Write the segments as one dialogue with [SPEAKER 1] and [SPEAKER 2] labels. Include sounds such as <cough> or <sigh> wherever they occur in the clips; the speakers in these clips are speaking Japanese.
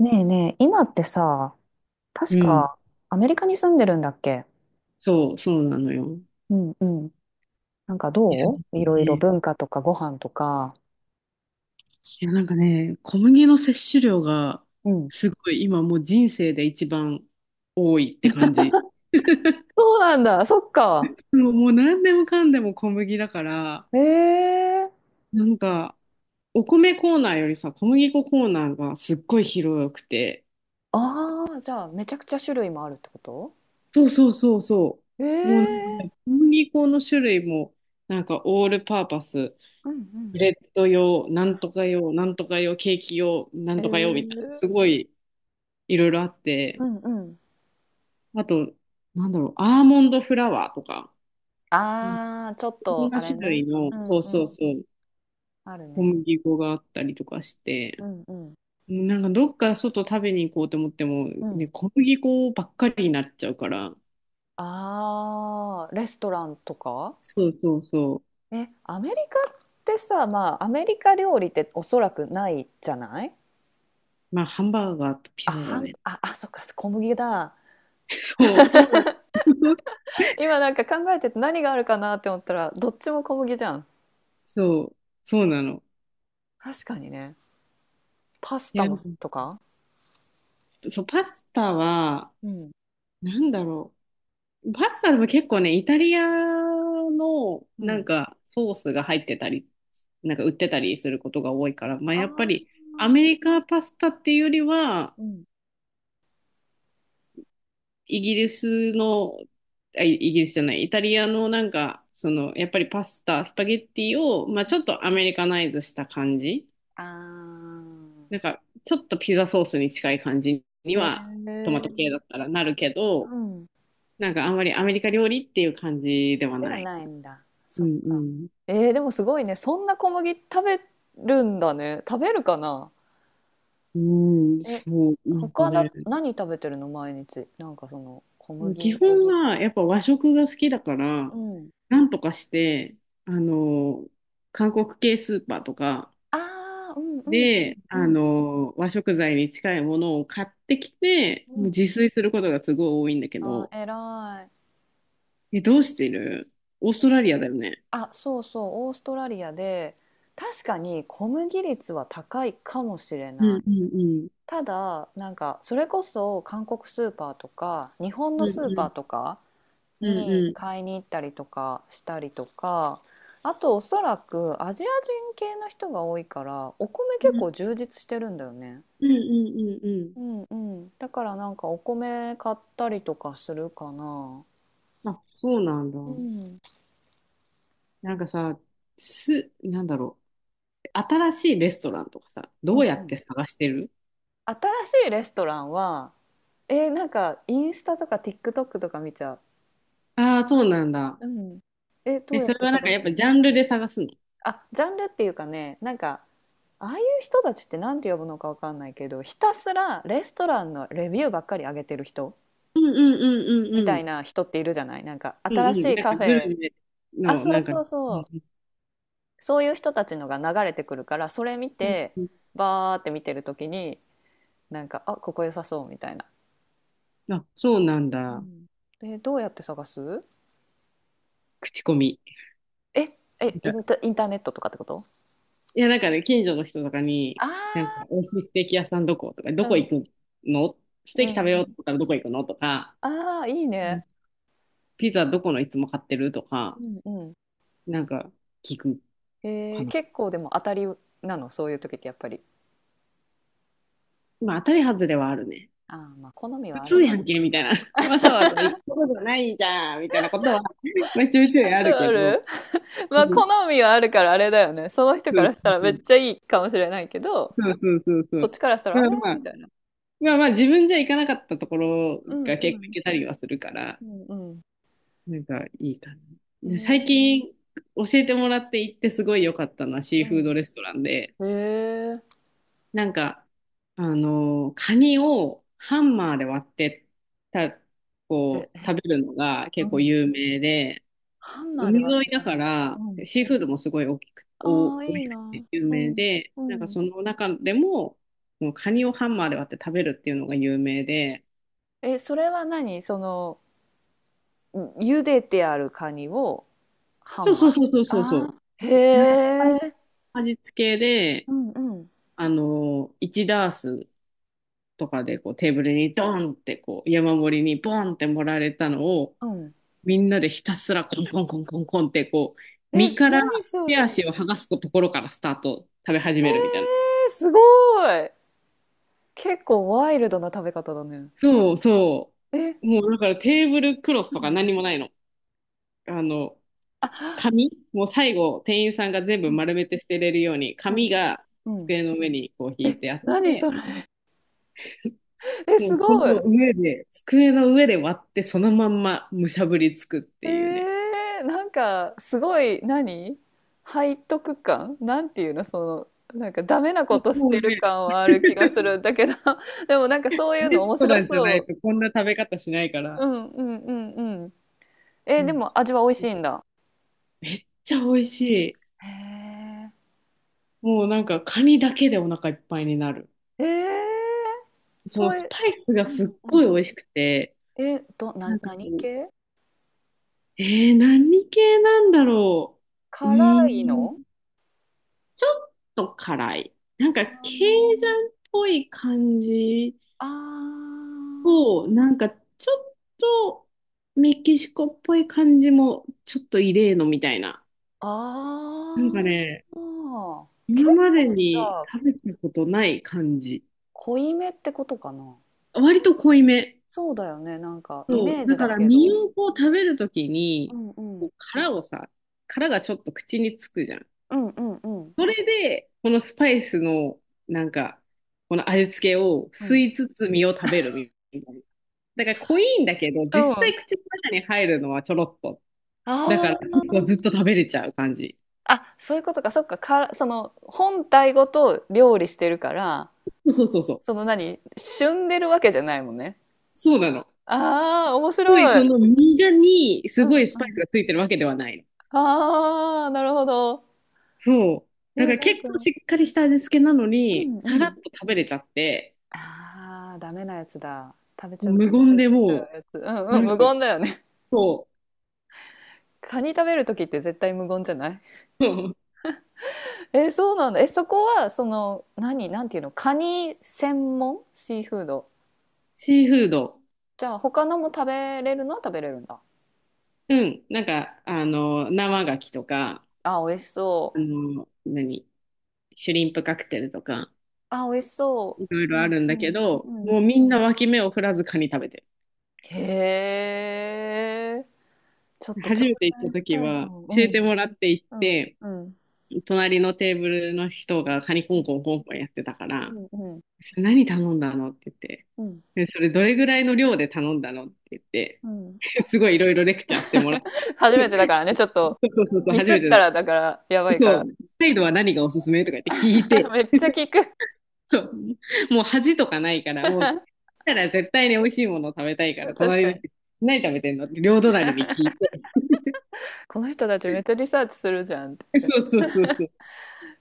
[SPEAKER 1] ねえねえ、今ってさ、
[SPEAKER 2] う
[SPEAKER 1] 確
[SPEAKER 2] ん。
[SPEAKER 1] かアメリカに住んでるんだっけ？
[SPEAKER 2] そう、そうなのよ。
[SPEAKER 1] うんうん。なんか
[SPEAKER 2] いや、
[SPEAKER 1] どういろいろ
[SPEAKER 2] ね
[SPEAKER 1] 文化とかご飯とか。
[SPEAKER 2] いやなんかね、小麦の摂取量が、
[SPEAKER 1] うん。
[SPEAKER 2] すごい今もう人生で一番多いって感じ。
[SPEAKER 1] そうなんだ、そっか。
[SPEAKER 2] もう何でもかんでも小麦だから、
[SPEAKER 1] ええ、
[SPEAKER 2] なんか、お米コーナーよりさ、小麦粉コーナーがすっごい広くて、
[SPEAKER 1] ああー、じゃあめちゃくちゃ種類もあるってこと？
[SPEAKER 2] そうそうそうそう。もうなんか
[SPEAKER 1] ええ、
[SPEAKER 2] ね、小麦粉の種類も、なんかオールパーパス、
[SPEAKER 1] うんうん。
[SPEAKER 2] ブレッド用、なんとか用、なんとか用、ケーキ用、な
[SPEAKER 1] え
[SPEAKER 2] んとか用みたいな、
[SPEAKER 1] ー、
[SPEAKER 2] すごいいろいろあっ
[SPEAKER 1] う
[SPEAKER 2] て、
[SPEAKER 1] んうん。
[SPEAKER 2] あと、なんだろう、アーモンドフラワーとか、うん、
[SPEAKER 1] ああ、ちょっ
[SPEAKER 2] いろん
[SPEAKER 1] と、あ
[SPEAKER 2] な
[SPEAKER 1] れ
[SPEAKER 2] 種
[SPEAKER 1] ね。
[SPEAKER 2] 類の、
[SPEAKER 1] うん
[SPEAKER 2] そう
[SPEAKER 1] う
[SPEAKER 2] そう
[SPEAKER 1] ん。
[SPEAKER 2] そう、
[SPEAKER 1] ある
[SPEAKER 2] 小
[SPEAKER 1] ね。
[SPEAKER 2] 麦粉があったりとかし
[SPEAKER 1] う
[SPEAKER 2] て、
[SPEAKER 1] んうん。
[SPEAKER 2] なんかどっか外食べに行こうと思っても、
[SPEAKER 1] う
[SPEAKER 2] ね、
[SPEAKER 1] ん。
[SPEAKER 2] 小麦粉ばっかりになっちゃうから、
[SPEAKER 1] ああ、レストランとか？
[SPEAKER 2] そうそうそう、
[SPEAKER 1] え、アメリカってさ、まあ、アメリカ料理っておそらくないじゃない？
[SPEAKER 2] まあ、ハンバーガーとピザだね。
[SPEAKER 1] あ、あ、そっか、小麦だ。
[SPEAKER 2] そう、そうなの。<laughs>
[SPEAKER 1] 今なんか考えてて何があるかなって思ったら、どっちも小麦じゃん。
[SPEAKER 2] そう、そうなの。
[SPEAKER 1] 確かにね。パス
[SPEAKER 2] い
[SPEAKER 1] タ
[SPEAKER 2] や、
[SPEAKER 1] もとか？
[SPEAKER 2] そう、パスタは、
[SPEAKER 1] うん。
[SPEAKER 2] なんだろう。パスタでも結構ね、イタリアの
[SPEAKER 1] う
[SPEAKER 2] なん
[SPEAKER 1] ん。
[SPEAKER 2] かソースが入ってたり、なんか売ってたりすることが多いから、まあ
[SPEAKER 1] あ
[SPEAKER 2] やっぱり
[SPEAKER 1] あ、
[SPEAKER 2] アメリカパスタっていうよりは、
[SPEAKER 1] うん。
[SPEAKER 2] イギリスの、イギリスじゃない、イタリアのなんか、その、やっぱりパスタ、スパゲッティを、まあちょっとアメリカナイズした感じ。
[SPEAKER 1] ああ。
[SPEAKER 2] なんか、ちょっとピザソースに近い感じに
[SPEAKER 1] へ
[SPEAKER 2] は、トマト系
[SPEAKER 1] え。
[SPEAKER 2] だったらなるけ
[SPEAKER 1] う
[SPEAKER 2] ど、
[SPEAKER 1] ん。
[SPEAKER 2] なんかあんまりアメリカ料理っていう感じでは
[SPEAKER 1] では
[SPEAKER 2] ない
[SPEAKER 1] な
[SPEAKER 2] か
[SPEAKER 1] い
[SPEAKER 2] な。
[SPEAKER 1] んだ。
[SPEAKER 2] う
[SPEAKER 1] そっ
[SPEAKER 2] んう
[SPEAKER 1] か。
[SPEAKER 2] ん。
[SPEAKER 1] えー、でもすごいね。そんな小麦食べるんだね。食べるかな？
[SPEAKER 2] うん、
[SPEAKER 1] え、
[SPEAKER 2] そう、なんかね、
[SPEAKER 1] 何食べてるの毎日。なんかその、小
[SPEAKER 2] 基
[SPEAKER 1] 麦。
[SPEAKER 2] 本はやっぱ和食が好きだから、
[SPEAKER 1] うん。
[SPEAKER 2] なんとかして、あの、韓国系スーパーとか
[SPEAKER 1] ああ、うんうんうん
[SPEAKER 2] で、
[SPEAKER 1] う
[SPEAKER 2] あ
[SPEAKER 1] ん
[SPEAKER 2] の、和食材に近いものを買ってきて、
[SPEAKER 1] う
[SPEAKER 2] もう自
[SPEAKER 1] ん。
[SPEAKER 2] 炊することがすごい多いんだけ
[SPEAKER 1] あ
[SPEAKER 2] ど、
[SPEAKER 1] ー、偉い。
[SPEAKER 2] え、どうしてる？オーストラリアだよね。
[SPEAKER 1] あ、そうそう、オーストラリアで、確かに小麦率は高いかもしれ
[SPEAKER 2] う
[SPEAKER 1] な
[SPEAKER 2] ん
[SPEAKER 1] い。
[SPEAKER 2] うんうん。
[SPEAKER 1] ただ、なんか、それこそ韓国スーパーとか、日本
[SPEAKER 2] う
[SPEAKER 1] の
[SPEAKER 2] ん
[SPEAKER 1] スー
[SPEAKER 2] う
[SPEAKER 1] パーと
[SPEAKER 2] ん
[SPEAKER 1] か
[SPEAKER 2] うん
[SPEAKER 1] に
[SPEAKER 2] うん。
[SPEAKER 1] 買いに行ったりとかしたりとか、あとおそらくアジア人系の人が多いから、お米
[SPEAKER 2] う
[SPEAKER 1] 結
[SPEAKER 2] ん
[SPEAKER 1] 構充実してるんだよね。
[SPEAKER 2] うんうんうんうん。
[SPEAKER 1] うんうん。だからなんかお米買ったりとかするかな。
[SPEAKER 2] あ、そうなんだ。
[SPEAKER 1] うん。
[SPEAKER 2] なんかさ、す、なんだろう。新しいレストランとかさ、
[SPEAKER 1] う
[SPEAKER 2] どう
[SPEAKER 1] ん
[SPEAKER 2] や
[SPEAKER 1] う
[SPEAKER 2] っ
[SPEAKER 1] ん。
[SPEAKER 2] て探してる？
[SPEAKER 1] 新しいレストランは、なんかインスタとか TikTok とか見ちゃ
[SPEAKER 2] ああー、そうなんだ。
[SPEAKER 1] う。うん。え、ど
[SPEAKER 2] え、
[SPEAKER 1] うや
[SPEAKER 2] そ
[SPEAKER 1] っ
[SPEAKER 2] れ
[SPEAKER 1] て
[SPEAKER 2] はなん
[SPEAKER 1] 探
[SPEAKER 2] かやっ
[SPEAKER 1] す
[SPEAKER 2] ぱ
[SPEAKER 1] の？
[SPEAKER 2] ジャンルで探すの？
[SPEAKER 1] あ、ジャンルっていうかね、なんか、ああいう人たちって何て呼ぶのかわかんないけど、ひたすらレストランのレビューばっかり上げてる人
[SPEAKER 2] うんうんうんう
[SPEAKER 1] み
[SPEAKER 2] んう
[SPEAKER 1] た
[SPEAKER 2] ん。
[SPEAKER 1] いな人っているじゃない、なんか、
[SPEAKER 2] うん
[SPEAKER 1] 新し
[SPEAKER 2] うん。
[SPEAKER 1] い
[SPEAKER 2] なん
[SPEAKER 1] カ
[SPEAKER 2] か
[SPEAKER 1] フ
[SPEAKER 2] グ
[SPEAKER 1] ェ。
[SPEAKER 2] ルメ
[SPEAKER 1] あ、
[SPEAKER 2] の、
[SPEAKER 1] そう
[SPEAKER 2] なんか、う
[SPEAKER 1] そ
[SPEAKER 2] ん
[SPEAKER 1] うそう。そういう人たちのが流れてくるからそれ見
[SPEAKER 2] うん
[SPEAKER 1] て
[SPEAKER 2] うん
[SPEAKER 1] バーって見てる時になんか、あ、ここ良さそうみたいな。
[SPEAKER 2] うん。あ、そうなん
[SPEAKER 1] う
[SPEAKER 2] だ。
[SPEAKER 1] ん、でどうやって探す？
[SPEAKER 2] 口コミ。
[SPEAKER 1] ええ、イ
[SPEAKER 2] なんか、
[SPEAKER 1] ンタインターネットとかってこと？
[SPEAKER 2] いや、なんかね、近所の人とかに、なん
[SPEAKER 1] あ
[SPEAKER 2] か、美味しいステーキ屋さんどことか、
[SPEAKER 1] あ
[SPEAKER 2] ど
[SPEAKER 1] ー、う
[SPEAKER 2] こ行
[SPEAKER 1] ん
[SPEAKER 2] くの？ス
[SPEAKER 1] う
[SPEAKER 2] テーキ
[SPEAKER 1] ん
[SPEAKER 2] 食べ
[SPEAKER 1] う
[SPEAKER 2] ようと
[SPEAKER 1] ん、
[SPEAKER 2] 思ったらどこ行くのとか、
[SPEAKER 1] ああーいい
[SPEAKER 2] うん、
[SPEAKER 1] ね。
[SPEAKER 2] ピザどこのいつも買ってると
[SPEAKER 1] う
[SPEAKER 2] か、
[SPEAKER 1] んうん、
[SPEAKER 2] なんか、聞く
[SPEAKER 1] え
[SPEAKER 2] か
[SPEAKER 1] ー
[SPEAKER 2] な。
[SPEAKER 1] 結構でも当たりなの、そういう時ってやっぱり。
[SPEAKER 2] まあ、当たり外れはあるね。
[SPEAKER 1] ああ、まあ好み
[SPEAKER 2] 普
[SPEAKER 1] はある
[SPEAKER 2] 通
[SPEAKER 1] か
[SPEAKER 2] や
[SPEAKER 1] ら。
[SPEAKER 2] んけ、みたいな。<laughs> わざわざ行くことじゃないじゃん、みたいなことは、まあ、ちょいち
[SPEAKER 1] <laughs>
[SPEAKER 2] ょい
[SPEAKER 1] あ
[SPEAKER 2] あ
[SPEAKER 1] と
[SPEAKER 2] る
[SPEAKER 1] あ
[SPEAKER 2] けど。
[SPEAKER 1] る。 <laughs>
[SPEAKER 2] う
[SPEAKER 1] まあ
[SPEAKER 2] ん。
[SPEAKER 1] 好みはあるからあれだよね、その人
[SPEAKER 2] そ
[SPEAKER 1] か
[SPEAKER 2] う
[SPEAKER 1] らし
[SPEAKER 2] そ
[SPEAKER 1] た
[SPEAKER 2] う
[SPEAKER 1] ら
[SPEAKER 2] そ
[SPEAKER 1] めっ
[SPEAKER 2] う。
[SPEAKER 1] ちゃいいかもしれないけど
[SPEAKER 2] そうそうそうそ
[SPEAKER 1] こっ
[SPEAKER 2] う。
[SPEAKER 1] ちからしたら
[SPEAKER 2] だ
[SPEAKER 1] あ
[SPEAKER 2] か
[SPEAKER 1] れ
[SPEAKER 2] らまあ、
[SPEAKER 1] みたいな。
[SPEAKER 2] まあまあ、自分じゃ行かなかったところ
[SPEAKER 1] うん
[SPEAKER 2] が
[SPEAKER 1] う
[SPEAKER 2] 結構行
[SPEAKER 1] ん
[SPEAKER 2] けたりはするから、
[SPEAKER 1] うんうん、
[SPEAKER 2] なんかいいかな。
[SPEAKER 1] え
[SPEAKER 2] で
[SPEAKER 1] ー、
[SPEAKER 2] 最近、教えてもらって行ってすごい良かったのはシー
[SPEAKER 1] う
[SPEAKER 2] フー
[SPEAKER 1] ん。
[SPEAKER 2] ドレストランで、
[SPEAKER 1] えー、
[SPEAKER 2] なんか、あの、カニをハンマーで割ってた、
[SPEAKER 1] え、
[SPEAKER 2] こう、食べるのが
[SPEAKER 1] う
[SPEAKER 2] 結構
[SPEAKER 1] ん。
[SPEAKER 2] 有名で、
[SPEAKER 1] ハンマーで
[SPEAKER 2] 海
[SPEAKER 1] 割っ
[SPEAKER 2] 沿い
[SPEAKER 1] て
[SPEAKER 2] だ
[SPEAKER 1] 食べ
[SPEAKER 2] か
[SPEAKER 1] る
[SPEAKER 2] ら、
[SPEAKER 1] の？うん。
[SPEAKER 2] シーフードもすごい大きく、お、
[SPEAKER 1] ああ、
[SPEAKER 2] 美
[SPEAKER 1] い
[SPEAKER 2] 味
[SPEAKER 1] い
[SPEAKER 2] しく
[SPEAKER 1] な。
[SPEAKER 2] て有
[SPEAKER 1] う
[SPEAKER 2] 名
[SPEAKER 1] ん。
[SPEAKER 2] で、
[SPEAKER 1] う
[SPEAKER 2] なんか
[SPEAKER 1] ん。
[SPEAKER 2] その中でも、もうカニをハンマーで割って食べるっていうのが有名で、
[SPEAKER 1] え、それは何、うん、茹でてあるカニをハ
[SPEAKER 2] そう
[SPEAKER 1] ンマ
[SPEAKER 2] そう
[SPEAKER 1] ー。
[SPEAKER 2] そうそうそう
[SPEAKER 1] あ
[SPEAKER 2] そ
[SPEAKER 1] あ、
[SPEAKER 2] う。なんか、スパ
[SPEAKER 1] へ
[SPEAKER 2] イ
[SPEAKER 1] え。
[SPEAKER 2] ス味付けで、
[SPEAKER 1] うんうん。
[SPEAKER 2] あの、1ダースとかでこうテーブルにドーンってこう山盛りにボーンって盛られたのを、
[SPEAKER 1] うん。
[SPEAKER 2] みんなでひたすらコンコンコンコンコンってこう、身
[SPEAKER 1] え、
[SPEAKER 2] から
[SPEAKER 1] 何そ
[SPEAKER 2] 手
[SPEAKER 1] れ。え
[SPEAKER 2] 足を剥がすところからスタート、食べ始めるみたいな。
[SPEAKER 1] ー、すごい。結構ワイルドな食べ方だね。
[SPEAKER 2] そうそ
[SPEAKER 1] え、
[SPEAKER 2] う。もうだからテーブルクロス
[SPEAKER 1] う
[SPEAKER 2] と
[SPEAKER 1] ん
[SPEAKER 2] か
[SPEAKER 1] うん。
[SPEAKER 2] 何もないの。あの、
[SPEAKER 1] あ、
[SPEAKER 2] 紙もう最後、店員さんが全
[SPEAKER 1] う
[SPEAKER 2] 部
[SPEAKER 1] ん
[SPEAKER 2] 丸めて捨てれるように、
[SPEAKER 1] うん
[SPEAKER 2] 紙が
[SPEAKER 1] うん。うん。
[SPEAKER 2] 机の上にこう引いてあっ
[SPEAKER 1] 何
[SPEAKER 2] て、
[SPEAKER 1] それ。え、
[SPEAKER 2] も
[SPEAKER 1] す
[SPEAKER 2] うそ
[SPEAKER 1] ごい。
[SPEAKER 2] の上で、机の上で割ってそのまんまむしゃぶりつくっ
[SPEAKER 1] え
[SPEAKER 2] ていうね。
[SPEAKER 1] ー、なんかすごい、背徳感なんていうの、そのなんかダメな
[SPEAKER 2] そ
[SPEAKER 1] こと
[SPEAKER 2] う
[SPEAKER 1] し
[SPEAKER 2] も
[SPEAKER 1] て
[SPEAKER 2] う
[SPEAKER 1] る
[SPEAKER 2] ね、
[SPEAKER 1] 感はある気がす
[SPEAKER 2] <laughs>
[SPEAKER 1] るんだけど、 <laughs> でもなんかそういう
[SPEAKER 2] レ
[SPEAKER 1] の
[SPEAKER 2] ス
[SPEAKER 1] 面
[SPEAKER 2] ト
[SPEAKER 1] 白
[SPEAKER 2] ランじゃない
[SPEAKER 1] そう。
[SPEAKER 2] とこんな食べ方しないか
[SPEAKER 1] う
[SPEAKER 2] ら、
[SPEAKER 1] んうんうんうん。え
[SPEAKER 2] う
[SPEAKER 1] ー、で
[SPEAKER 2] ん、
[SPEAKER 1] も味は美味しいんだ。
[SPEAKER 2] めっちゃ美味しい。
[SPEAKER 1] へえ。
[SPEAKER 2] もうなんかカニだけでお腹いっぱいになる。
[SPEAKER 1] えー、
[SPEAKER 2] その
[SPEAKER 1] そう
[SPEAKER 2] ス
[SPEAKER 1] いう、
[SPEAKER 2] パイスが
[SPEAKER 1] う
[SPEAKER 2] すっ
[SPEAKER 1] んう
[SPEAKER 2] ごい美
[SPEAKER 1] ん。
[SPEAKER 2] 味しくて、
[SPEAKER 1] えー、
[SPEAKER 2] なんか
[SPEAKER 1] 何
[SPEAKER 2] こう、
[SPEAKER 1] 系？
[SPEAKER 2] えー、何系なんだろう。うー
[SPEAKER 1] 辛いの？
[SPEAKER 2] ん、ちょっと辛い。なんか、ケイ
[SPEAKER 1] あ
[SPEAKER 2] ジャンっぽい感じ
[SPEAKER 1] ーあー。
[SPEAKER 2] と、なんか、ちょっとメキシコっぽい感じも、ちょっと異例のみたいな。なんかね、
[SPEAKER 1] あー、結
[SPEAKER 2] 今まで
[SPEAKER 1] 構じ
[SPEAKER 2] に
[SPEAKER 1] ゃあ
[SPEAKER 2] 食べたことない感じ。
[SPEAKER 1] 濃いめってことかな。
[SPEAKER 2] 割と濃いめ。
[SPEAKER 1] そうだよね。なんかイ
[SPEAKER 2] そ
[SPEAKER 1] メ
[SPEAKER 2] う。
[SPEAKER 1] ージ
[SPEAKER 2] だ
[SPEAKER 1] だ
[SPEAKER 2] から、
[SPEAKER 1] け
[SPEAKER 2] 身
[SPEAKER 1] ど。
[SPEAKER 2] をこう食べるとき
[SPEAKER 1] う
[SPEAKER 2] に、
[SPEAKER 1] んう
[SPEAKER 2] こ
[SPEAKER 1] ん。
[SPEAKER 2] う殻をさ、殻がちょっと口につくじゃん。
[SPEAKER 1] うんうんうん。
[SPEAKER 2] それで、このスパイスの、なんか、この味付けを
[SPEAKER 1] う
[SPEAKER 2] 吸
[SPEAKER 1] ん。
[SPEAKER 2] いつつ身を食べるみたいな。だから濃いんだけど、実
[SPEAKER 1] あ
[SPEAKER 2] 際口の中に入るのはちょろっと。だから結構
[SPEAKER 1] あ。
[SPEAKER 2] ずっと食べれちゃう感じ。
[SPEAKER 1] あ、そういうことか。そっか。その本体ごと料理してるから、
[SPEAKER 2] そうそうそうそ
[SPEAKER 1] そ
[SPEAKER 2] う。
[SPEAKER 1] の、旬でるわけじゃないもんね。
[SPEAKER 2] そうなの。
[SPEAKER 1] ああ、面
[SPEAKER 2] すごい
[SPEAKER 1] 白い。
[SPEAKER 2] その身がに
[SPEAKER 1] う
[SPEAKER 2] す
[SPEAKER 1] ん
[SPEAKER 2] ごいス
[SPEAKER 1] う
[SPEAKER 2] パイス
[SPEAKER 1] ん。
[SPEAKER 2] がついてるわけではないの。
[SPEAKER 1] ああ、なるほど。
[SPEAKER 2] そう。だ
[SPEAKER 1] え、
[SPEAKER 2] から
[SPEAKER 1] なん
[SPEAKER 2] 結
[SPEAKER 1] か、
[SPEAKER 2] 構
[SPEAKER 1] う
[SPEAKER 2] しっかりした味付けなのに、
[SPEAKER 1] んう
[SPEAKER 2] さらっ
[SPEAKER 1] ん。
[SPEAKER 2] と食べれちゃって、
[SPEAKER 1] ああ、ダメなやつだ。食べち
[SPEAKER 2] もう
[SPEAKER 1] ゃう、
[SPEAKER 2] 無
[SPEAKER 1] 食べ
[SPEAKER 2] 言で
[SPEAKER 1] 過ぎちゃ
[SPEAKER 2] も
[SPEAKER 1] うやつ。うん
[SPEAKER 2] う、
[SPEAKER 1] う
[SPEAKER 2] な
[SPEAKER 1] ん、
[SPEAKER 2] ん
[SPEAKER 1] 無
[SPEAKER 2] か、
[SPEAKER 1] 言だよね。
[SPEAKER 2] そう、
[SPEAKER 1] <laughs> カニ食べるときって絶対無言じゃない？えー、そうなんだ、え、そこはその、なんていうの、カニ専門シーフード？
[SPEAKER 2] シーフード、
[SPEAKER 1] じゃあ他のも食べれるのは食べれるんだ？
[SPEAKER 2] うん、なんか、あの、生牡蠣とか、
[SPEAKER 1] あ、美味し
[SPEAKER 2] あ
[SPEAKER 1] そう、
[SPEAKER 2] の、何、シュリンプカクテルとか、
[SPEAKER 1] あ、美味しそ
[SPEAKER 2] いろい
[SPEAKER 1] う、う
[SPEAKER 2] ろあ
[SPEAKER 1] ん
[SPEAKER 2] るん
[SPEAKER 1] う
[SPEAKER 2] だけ
[SPEAKER 1] ん
[SPEAKER 2] ど、
[SPEAKER 1] うん。
[SPEAKER 2] もうみんな脇目を振らずカニ食べて
[SPEAKER 1] へえ、ちょっ
[SPEAKER 2] る。
[SPEAKER 1] と挑
[SPEAKER 2] 初めて行った
[SPEAKER 1] 戦し
[SPEAKER 2] 時
[SPEAKER 1] たいか
[SPEAKER 2] は、
[SPEAKER 1] も、う
[SPEAKER 2] 教えて
[SPEAKER 1] ん、
[SPEAKER 2] もらって行っ
[SPEAKER 1] うん
[SPEAKER 2] て、
[SPEAKER 1] うん
[SPEAKER 2] 隣のテーブルの人がカニコンコンコンコンやってたか
[SPEAKER 1] う
[SPEAKER 2] ら、
[SPEAKER 1] んうん
[SPEAKER 2] それ何頼んだのって言って、
[SPEAKER 1] うんうん
[SPEAKER 2] でそれどれぐらいの量で頼んだのって言って、
[SPEAKER 1] うん、
[SPEAKER 2] <laughs> すごいいろいろレクチャーしてもらっ
[SPEAKER 1] 初
[SPEAKER 2] て、
[SPEAKER 1] めてだからねちょっと、
[SPEAKER 2] <laughs> そうそうそうそう、
[SPEAKER 1] ミ
[SPEAKER 2] 初
[SPEAKER 1] スっ
[SPEAKER 2] めてな
[SPEAKER 1] た
[SPEAKER 2] ん
[SPEAKER 1] ら
[SPEAKER 2] か、
[SPEAKER 1] だからやばいか
[SPEAKER 2] そ
[SPEAKER 1] ら。
[SPEAKER 2] う、サイドは何がおすすめとか言って聞い
[SPEAKER 1] <laughs> め
[SPEAKER 2] て、
[SPEAKER 1] っちゃ聞く。
[SPEAKER 2] そう。<laughs> もう恥とかないから、もう、たら絶対に美味しいものを食べたいから、
[SPEAKER 1] 確
[SPEAKER 2] 隣
[SPEAKER 1] か
[SPEAKER 2] の人、
[SPEAKER 1] に、
[SPEAKER 2] 何食べてんのって両隣に聞いて。
[SPEAKER 1] この人たちめっちゃリサーチするじゃんっ
[SPEAKER 2] <laughs>
[SPEAKER 1] て。
[SPEAKER 2] そうそうそうそう。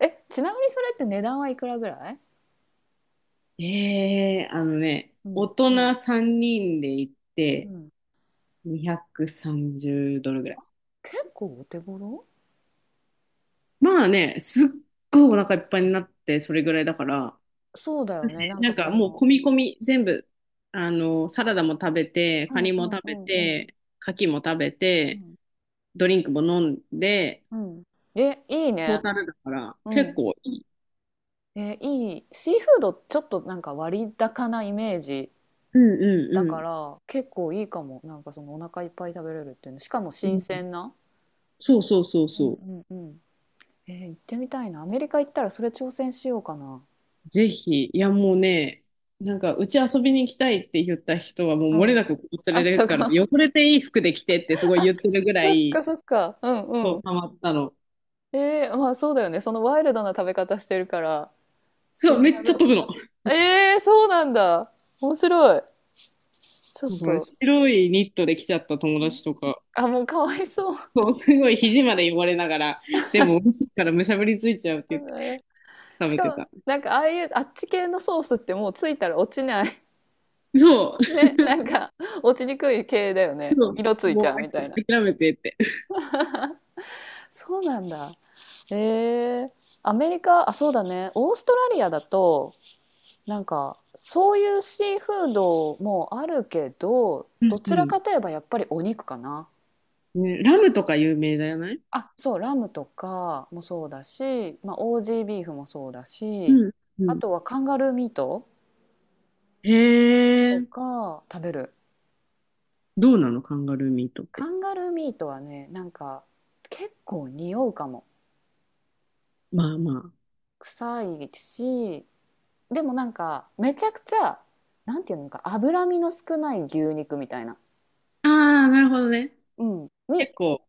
[SPEAKER 1] え、ちなみにそれって値段はいくらぐらい？
[SPEAKER 2] ええあのね、
[SPEAKER 1] う
[SPEAKER 2] 大
[SPEAKER 1] ん
[SPEAKER 2] 人3人で行っ
[SPEAKER 1] う
[SPEAKER 2] て
[SPEAKER 1] ん、
[SPEAKER 2] 230ドルぐらい。
[SPEAKER 1] 結構お手頃。
[SPEAKER 2] まあね、すっごいお腹いっぱいになってそれぐらいだから、
[SPEAKER 1] そうだよね。なん
[SPEAKER 2] な
[SPEAKER 1] か
[SPEAKER 2] ん
[SPEAKER 1] そ
[SPEAKER 2] かもう
[SPEAKER 1] の、
[SPEAKER 2] 込み込み全部、あの、サラダも食べて、
[SPEAKER 1] う
[SPEAKER 2] カ
[SPEAKER 1] ん
[SPEAKER 2] ニ
[SPEAKER 1] う
[SPEAKER 2] も
[SPEAKER 1] ん
[SPEAKER 2] 食
[SPEAKER 1] う
[SPEAKER 2] べ
[SPEAKER 1] んうん
[SPEAKER 2] て、牡蠣も食べ
[SPEAKER 1] う
[SPEAKER 2] て、
[SPEAKER 1] ん
[SPEAKER 2] ドリンクも飲んで、
[SPEAKER 1] うん。え、いい
[SPEAKER 2] トー
[SPEAKER 1] ね。
[SPEAKER 2] タルだから
[SPEAKER 1] う
[SPEAKER 2] 結
[SPEAKER 1] ん。
[SPEAKER 2] 構いい。
[SPEAKER 1] え、いい。シーフードちょっとなんか割高なイメージ
[SPEAKER 2] うん
[SPEAKER 1] だ
[SPEAKER 2] う
[SPEAKER 1] か
[SPEAKER 2] ん
[SPEAKER 1] ら結構いいかも。なんかそのお腹いっぱい食べれるっていうの。しかも
[SPEAKER 2] うん。
[SPEAKER 1] 新
[SPEAKER 2] うん、
[SPEAKER 1] 鮮な。
[SPEAKER 2] そうそうそう
[SPEAKER 1] う
[SPEAKER 2] そ
[SPEAKER 1] ん
[SPEAKER 2] う。
[SPEAKER 1] うんうん、えー行ってみたいな。アメリカ行ったらそれ挑戦しようかな。
[SPEAKER 2] ぜひ、いやもうね、なんか、うち遊びに行きたいって言った人はも
[SPEAKER 1] う
[SPEAKER 2] う漏れな
[SPEAKER 1] ん、
[SPEAKER 2] くここ
[SPEAKER 1] あ、
[SPEAKER 2] 連れて
[SPEAKER 1] そ
[SPEAKER 2] く
[SPEAKER 1] う
[SPEAKER 2] から、
[SPEAKER 1] か。<laughs>
[SPEAKER 2] 汚れていい服で着てってすごい
[SPEAKER 1] あ、
[SPEAKER 2] 言ってるぐら
[SPEAKER 1] そっ
[SPEAKER 2] い、
[SPEAKER 1] かそっか。うん
[SPEAKER 2] そ
[SPEAKER 1] う
[SPEAKER 2] う、
[SPEAKER 1] ん、
[SPEAKER 2] ハマったの。
[SPEAKER 1] えー、まあそうだよね。そのワイルドな食べ方してるから、そ
[SPEAKER 2] そう、
[SPEAKER 1] ん
[SPEAKER 2] め
[SPEAKER 1] な、
[SPEAKER 2] っちゃ
[SPEAKER 1] なん
[SPEAKER 2] 飛ぶ
[SPEAKER 1] か、
[SPEAKER 2] の。
[SPEAKER 1] えー、そうなんだ。面白い。ちょっ
[SPEAKER 2] なんから
[SPEAKER 1] と、
[SPEAKER 2] 白いニットで来ちゃった友達とか、
[SPEAKER 1] あ、もうかわいそう。
[SPEAKER 2] そう、すごい肘まで汚れながら、でも美味しいからむしゃぶりついちゃうって
[SPEAKER 1] <laughs>
[SPEAKER 2] 言って
[SPEAKER 1] えー、
[SPEAKER 2] 食
[SPEAKER 1] し
[SPEAKER 2] べて
[SPEAKER 1] かも、
[SPEAKER 2] た。
[SPEAKER 1] なんかああいうあっち系のソースってもうついたら落ちない。
[SPEAKER 2] そ
[SPEAKER 1] <laughs> ね、なんか落ちにくい系だよね。色つ
[SPEAKER 2] う、
[SPEAKER 1] いち
[SPEAKER 2] も
[SPEAKER 1] ゃうみたいな。
[SPEAKER 2] う諦めてって。
[SPEAKER 1] そうなんだ。えー、アメリカ、あ、そうだね。オーストラリアだと、なんかそういうシーフードもあるけど、
[SPEAKER 2] う
[SPEAKER 1] ど
[SPEAKER 2] んう
[SPEAKER 1] ちら
[SPEAKER 2] ん。
[SPEAKER 1] かといえばやっぱりお肉かな。
[SPEAKER 2] ね、ラムとか有名だよね。
[SPEAKER 1] あ、そう、ラムとかもそうだし、まあ、オージービーフもそうだ
[SPEAKER 2] う
[SPEAKER 1] し、
[SPEAKER 2] んう
[SPEAKER 1] あ
[SPEAKER 2] ん。
[SPEAKER 1] とはカンガルーミート
[SPEAKER 2] へ
[SPEAKER 1] と
[SPEAKER 2] え。
[SPEAKER 1] か食べる。
[SPEAKER 2] どうなのカンガルーミートって。
[SPEAKER 1] カンガルーミートはね、なんか結構匂うかも。
[SPEAKER 2] まあま
[SPEAKER 1] 臭いし、でもなんかめちゃくちゃ、なんていうのか、脂身の少ない牛肉みたいな。
[SPEAKER 2] あ、ああ、なるほどね。
[SPEAKER 1] うん。
[SPEAKER 2] 結
[SPEAKER 1] に、
[SPEAKER 2] 構、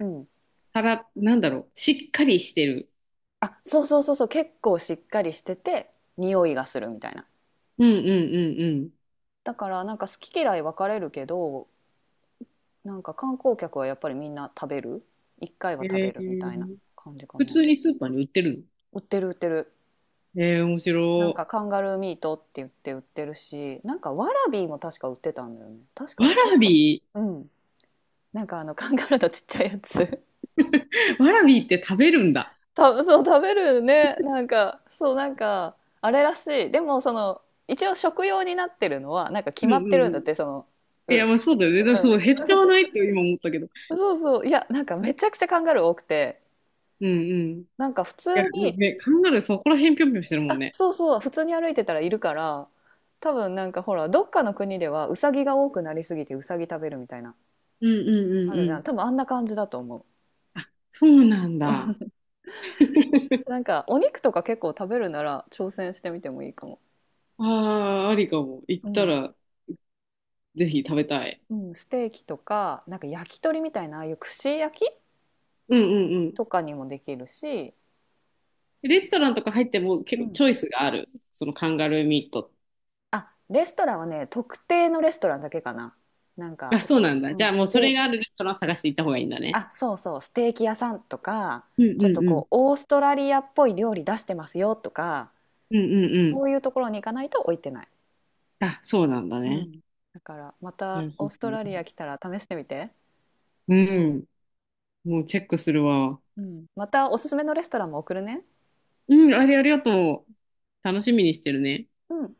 [SPEAKER 1] うん。
[SPEAKER 2] たら、なんだろう。しっかりしてる。
[SPEAKER 1] あ、そうそうそうそう、結構しっかりしてて、匂いがするみたいな。
[SPEAKER 2] うんうんうんう
[SPEAKER 1] だからなんか好き嫌い分かれるけど、なんか観光客はやっぱりみんな食べる、一回
[SPEAKER 2] ん。
[SPEAKER 1] は食
[SPEAKER 2] え
[SPEAKER 1] べるみたいな
[SPEAKER 2] ー、
[SPEAKER 1] 感じか
[SPEAKER 2] 普
[SPEAKER 1] な。
[SPEAKER 2] 通にスーパーに売ってる
[SPEAKER 1] 売ってる売ってる、
[SPEAKER 2] の？えー、面
[SPEAKER 1] なんか
[SPEAKER 2] 白
[SPEAKER 1] カンガルーミートって言って売ってるし、なんかワラビーも確か売ってたんだよね、確
[SPEAKER 2] い。
[SPEAKER 1] か
[SPEAKER 2] わ
[SPEAKER 1] だけ
[SPEAKER 2] らび、
[SPEAKER 1] ど。うん、なんかあのカンガルーのちっちゃいやつ。
[SPEAKER 2] わらびって食べるんだ。
[SPEAKER 1] <laughs> そう食べるね、なんかそう、なんかあれらしい、でもその、一応食用になってるのはなんか決
[SPEAKER 2] うん。う
[SPEAKER 1] まっ
[SPEAKER 2] んう
[SPEAKER 1] てるんだっ
[SPEAKER 2] んうん。
[SPEAKER 1] て、
[SPEAKER 2] い
[SPEAKER 1] うん
[SPEAKER 2] や、まあそうだよね。だから
[SPEAKER 1] う
[SPEAKER 2] そう、
[SPEAKER 1] ん。
[SPEAKER 2] 減っちゃわ
[SPEAKER 1] <laughs>
[SPEAKER 2] ないって今思ったけど。
[SPEAKER 1] そうそう、いや、なんかめちゃくちゃカンガルー多くて
[SPEAKER 2] うんうん。い
[SPEAKER 1] なんか普
[SPEAKER 2] や、
[SPEAKER 1] 通に、
[SPEAKER 2] ね、カンガルーそこら辺ぴょんぴょんしてるもん
[SPEAKER 1] あ、
[SPEAKER 2] ね。
[SPEAKER 1] そうそう、普通に歩いてたらいるから、多分なんかほら、どっかの国ではウサギが多くなりすぎてウサギ食べるみたいな、
[SPEAKER 2] うんうんう
[SPEAKER 1] あ
[SPEAKER 2] ん
[SPEAKER 1] る
[SPEAKER 2] う
[SPEAKER 1] じゃん。
[SPEAKER 2] ん。
[SPEAKER 1] 多分あんな感じだと思う。
[SPEAKER 2] あ、そうなんだ。
[SPEAKER 1] <laughs>
[SPEAKER 2] <laughs>
[SPEAKER 1] なんかお肉とか結構食べるなら挑戦してみてもいいかも。
[SPEAKER 2] ああ、ありかも。行っ
[SPEAKER 1] う
[SPEAKER 2] た
[SPEAKER 1] ん。
[SPEAKER 2] ら、ぜひ食べたい。
[SPEAKER 1] うん、ステーキとか、なんか焼き鳥みたいな、ああいう串焼き
[SPEAKER 2] うんうんうん。
[SPEAKER 1] とかにもできるし、
[SPEAKER 2] レストランとか入っても
[SPEAKER 1] う
[SPEAKER 2] 結構
[SPEAKER 1] ん。
[SPEAKER 2] チョイスがある。そのカンガルーミート。
[SPEAKER 1] あ、レストランはね、特定のレストランだけかな。なん
[SPEAKER 2] <laughs> あ、
[SPEAKER 1] か、
[SPEAKER 2] そうなんだ。じ
[SPEAKER 1] う
[SPEAKER 2] ゃ
[SPEAKER 1] ん、
[SPEAKER 2] あもうそれがあるレストラン探して行った方がいいんだね。
[SPEAKER 1] あ、そうそう、ステーキ屋さんとか、
[SPEAKER 2] うん
[SPEAKER 1] ちょっ
[SPEAKER 2] う
[SPEAKER 1] と
[SPEAKER 2] んう
[SPEAKER 1] こ
[SPEAKER 2] ん。
[SPEAKER 1] う、オーストラリアっぽい料理出してますよとか、
[SPEAKER 2] うんうんう
[SPEAKER 1] そ
[SPEAKER 2] ん。
[SPEAKER 1] ういうところに行かないと置いてない。
[SPEAKER 2] あ、そうなんだ
[SPEAKER 1] う
[SPEAKER 2] ね。
[SPEAKER 1] ん。だから、ま
[SPEAKER 2] い
[SPEAKER 1] た
[SPEAKER 2] やそ
[SPEAKER 1] オー
[SPEAKER 2] う
[SPEAKER 1] ス
[SPEAKER 2] そ
[SPEAKER 1] ト
[SPEAKER 2] う、
[SPEAKER 1] ラリア来たら試してみて。
[SPEAKER 2] うん。もうチェックするわ。
[SPEAKER 1] うん。またおすすめのレストランも送るね。
[SPEAKER 2] うん、あれありがとう。楽しみにしてるね。
[SPEAKER 1] うん。